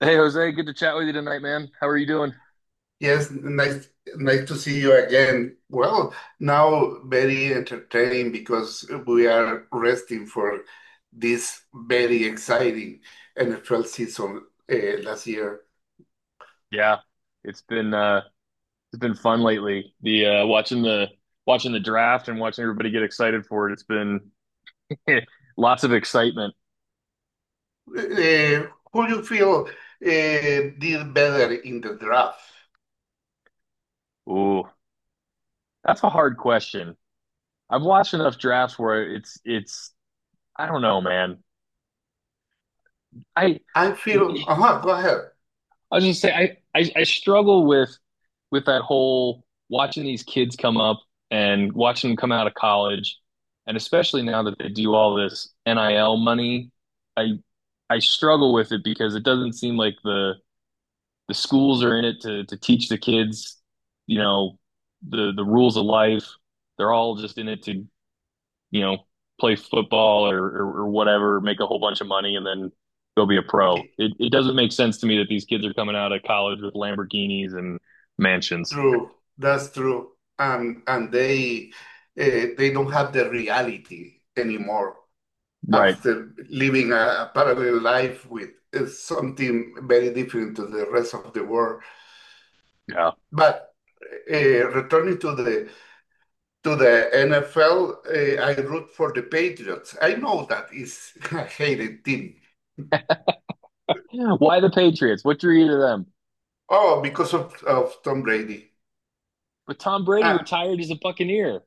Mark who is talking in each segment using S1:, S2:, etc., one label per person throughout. S1: Hey Jose, good to chat with you tonight, man. How are you doing?
S2: Yes, nice to see you again. Well, now very entertaining because we are resting for this very exciting NFL season last year.
S1: Yeah, it's been uh it's been fun lately. The watching the draft and watching everybody get excited for it. It's been lots of excitement.
S2: Uh, who do you feel did better in the draft?
S1: Ooh, that's a hard question. I've watched enough drafts where it's I don't know, man. I
S2: I feel, go ahead.
S1: I was just saying, I struggle with that whole watching these kids come up and watching them come out of college, and especially now that they do all this NIL money, I I struggle with it because it doesn't seem like the schools are in it to teach the kids, you know, the rules of life. They're all just in it to you know, play football or whatever, make a whole bunch of money, and then go be a pro. It doesn't make sense to me that these kids are coming out of college with Lamborghinis and mansions.
S2: True, that's true. And they, they don't have the reality anymore
S1: Right.
S2: after living a parallel life with, something very different to the rest of the world.
S1: Yeah.
S2: But returning to the NFL, I root for the Patriots. I know that is a hated team.
S1: Yeah. Why the Patriots? What drew you to them?
S2: Oh, because of Tom Brady.
S1: But Tom Brady
S2: Ah,
S1: retired as a Buccaneer.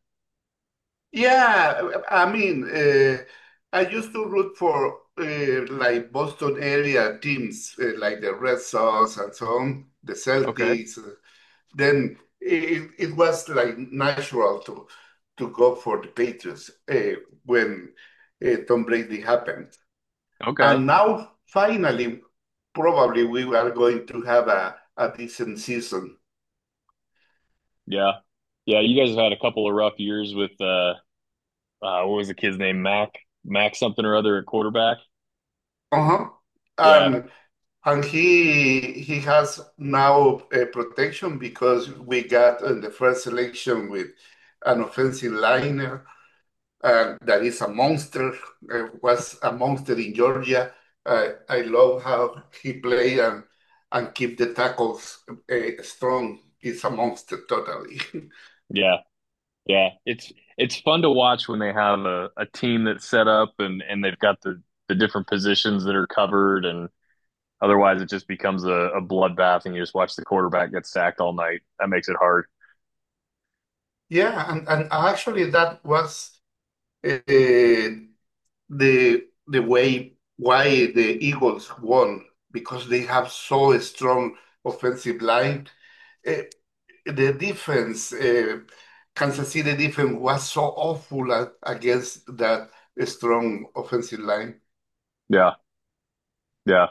S2: yeah, I mean, I used to root for like Boston area teams, like the Red Sox and so on, the
S1: Okay.
S2: Celtics. Then it was like natural to go for the Patriots, when Tom Brady happened.
S1: Okay.
S2: And now finally, probably we are going to have a decent season.
S1: Yeah. Yeah. You guys have had a couple of rough years with, what was the kid's name? Mac something or other at quarterback.
S2: Uh-huh.
S1: Yeah.
S2: And And he has now, protection because we got in the first selection with an offensive liner that is a monster, was a monster in Georgia. I love how he played and keep the tackles, strong. He's a monster, totally.
S1: Yeah. Yeah, it's fun to watch when they have a team that's set up and they've got the different positions that are covered and otherwise it just becomes a bloodbath and you just watch the quarterback get sacked all night. That makes it hard.
S2: Yeah, and actually that was, uh, the way why the Eagles won because they have so a strong offensive line. Eh, the defense, Kansas City defense was so awful against that strong offensive line.
S1: Yeah, yeah.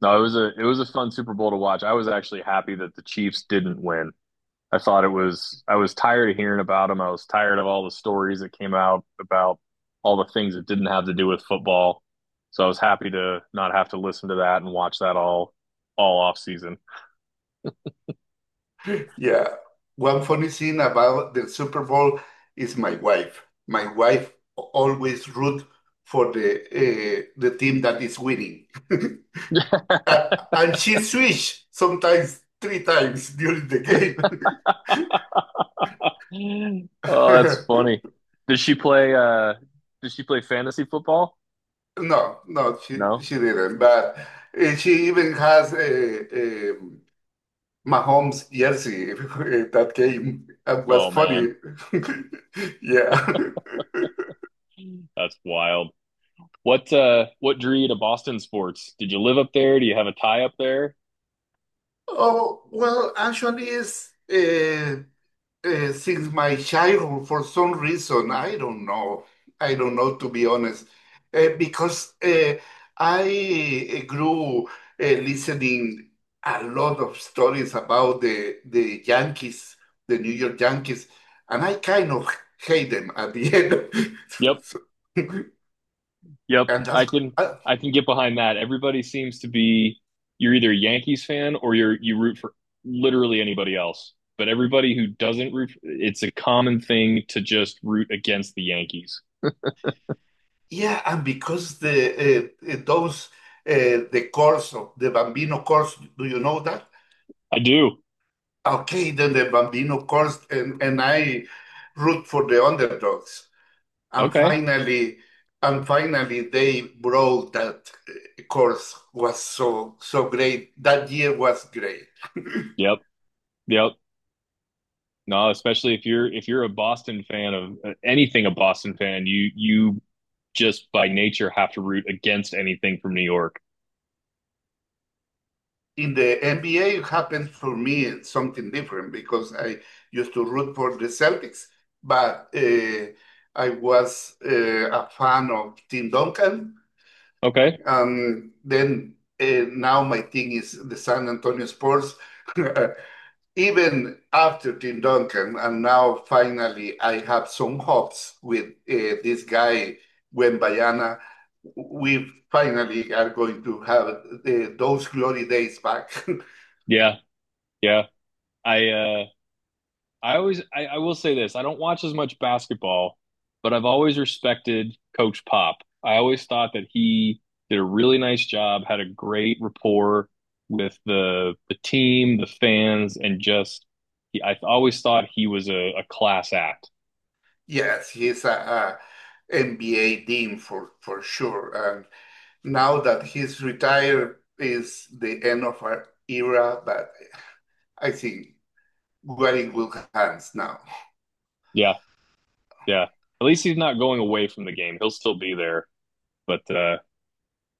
S1: No, it was a fun Super Bowl to watch. I was actually happy that the Chiefs didn't win. I thought it was. I was tired of hearing about him. I was tired of all the stories that came out about all the things that didn't have to do with football. So I was happy to not have to listen to that and watch that all off season.
S2: Yeah. One funny thing about the Super Bowl is my wife. My wife always root for the, the team that is winning. And she switch sometimes three times during the game.
S1: Oh, that's funny. Did she play uh did she play fantasy football?
S2: No, no, she
S1: No.
S2: she didn't. But she even has a Mahomes jersey that came and was
S1: Oh
S2: funny.
S1: man.
S2: Yeah.
S1: That's wild. What drew you to Boston sports? Did you live up there? Do you have a tie up there?
S2: Oh, well, actually, it's uh, since my childhood, for some reason, I don't know. I don't know, to be honest, because I eh, grew, listening a lot of stories about the Yankees, the New York Yankees, and I kind of hate them at the end.
S1: Yep.
S2: So,
S1: Yep,
S2: and that's uh,
S1: I can get behind that. Everybody seems to be you're either a Yankees fan or you root for literally anybody else. But everybody who doesn't root, it's a common thing to just root against the Yankees.
S2: yeah, and because the those, the course of the Bambino course, do you know that?
S1: I do.
S2: Okay, then the Bambino, of course, and I root for the underdogs. And
S1: Okay.
S2: finally, and finally, they brought that, course was so so great. That year was great.
S1: Yep. Yep. No, especially if you're a Boston fan of anything, a Boston fan, you just by nature have to root against anything from New York.
S2: In the NBA, it happened for me something different because I used to root for the Celtics, but I was, a fan of Tim Duncan.
S1: Okay.
S2: And then, now my thing is the San Antonio Spurs. Even after Tim Duncan, and now finally I have some hopes with, this guy, Wembayana. We finally are going to have the, those glory days back.
S1: Yeah. Yeah. I I will say this. I don't watch as much basketball, but I've always respected Coach Pop. I always thought that he did a really nice job, had a great rapport with the team, the fans, and just I always thought he was a class act.
S2: Yes, he's a, NBA dean for sure. And now that he's retired is the end of our era, but I think we're in good hands now.
S1: Yeah, yeah. At least he's not going away from the game. He'll still be there. But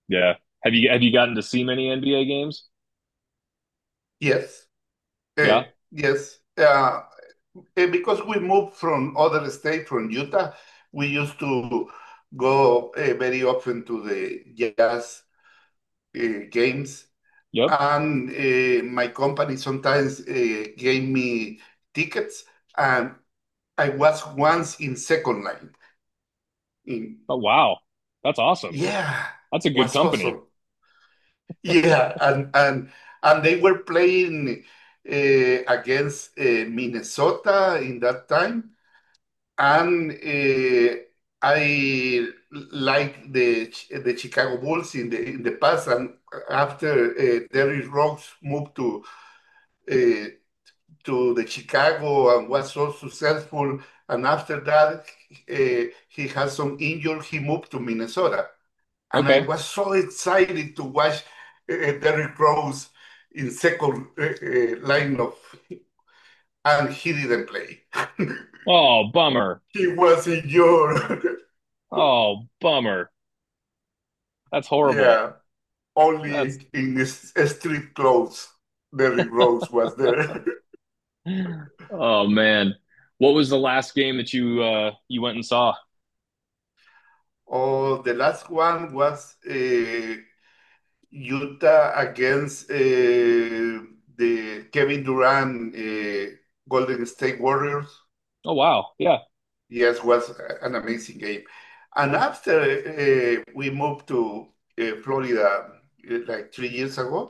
S1: yeah. Have you gotten to see many NBA games?
S2: Yes, eh,
S1: Yeah.
S2: yes. And because we moved from other state, from Utah, we used to go, very often to the jazz, games.
S1: Yep.
S2: And my company sometimes, gave me tickets. And I was once in second line. In,
S1: Oh wow. That's awesome.
S2: yeah,
S1: That's a good
S2: was
S1: company.
S2: awesome. Yeah, and they were playing, uh, against, Minnesota in that time. And I like the Chicago Bulls in the past, and after, Derrick Rose moved uh, to the Chicago and was so successful, and after that, uh, he had some injury, he moved to Minnesota, and I
S1: Okay.
S2: was so excited to watch, uh, Derrick Rose in second line of, and he didn't play.
S1: Oh, bummer.
S2: He was injured.
S1: Oh, bummer. That's horrible.
S2: Yeah.
S1: That's
S2: Only in this street clothes, Derrick Rose was there.
S1: oh man. What was the last game that you went and saw?
S2: Oh, the last one was, Utah against, the Kevin Durant, Golden State Warriors.
S1: Oh wow. Yeah.
S2: Yes, was an amazing game. And after, we moved to Florida, like 3 years ago.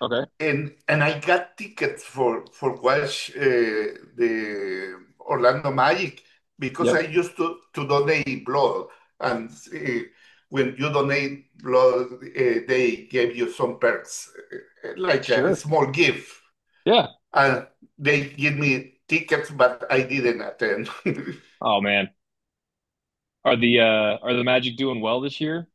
S1: Okay.
S2: And I got tickets for watch, the Orlando Magic because I
S1: Yep.
S2: used to donate blood, and when you donate blood, they gave you some perks, like a
S1: Sure.
S2: small gift,
S1: Yeah.
S2: and they give me tickets, but I didn't attend.
S1: Oh man. Are the are the Magic doing well this year?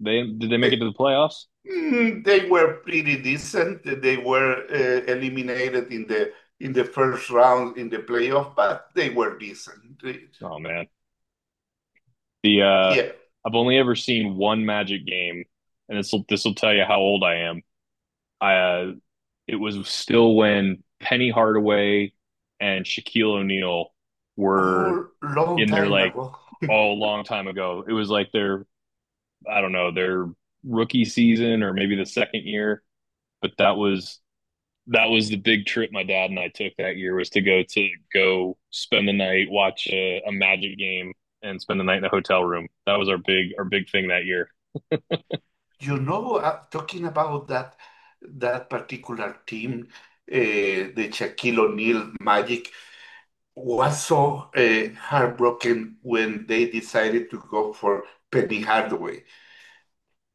S1: They Did they make it
S2: They
S1: to the playoffs?
S2: mm, they were pretty decent. They were, eliminated in the first round in the playoff, but they were decent. They,
S1: Oh man. The
S2: yeah,
S1: I've only ever seen one Magic game, and this will tell you how old I am. I it was still when Penny Hardaway and Shaquille O'Neal were
S2: all long
S1: in their
S2: time
S1: like
S2: ago.
S1: oh long time ago. It was like their I don't know their rookie season or maybe the second year. But that was the big trip my dad and I took that year was to go spend the night, watch a Magic game, and spend the night in a hotel room. That was our big thing that year.
S2: You know, talking about that particular team, the Shaquille O'Neal Magic was so, heartbroken when they decided to go for Penny Hardaway.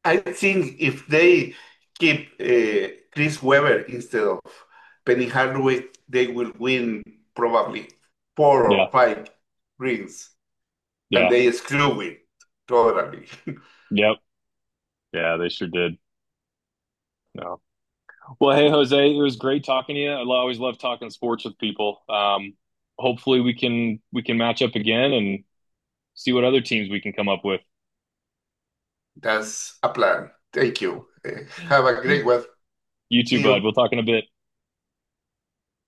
S2: I think if they keep, Chris Webber instead of Penny Hardaway, they will win probably four
S1: Yeah,
S2: or five rings, and
S1: yeah,
S2: they screw it totally.
S1: yep, yeah. They sure did. No. Well, hey Jose, it was great talking to you. I always love talking sports with people. Hopefully we can match up again and see what other teams we can come up with.
S2: That's a plan. Thank you. Have a great one.
S1: You too,
S2: See
S1: bud.
S2: you.
S1: We'll talk in a bit.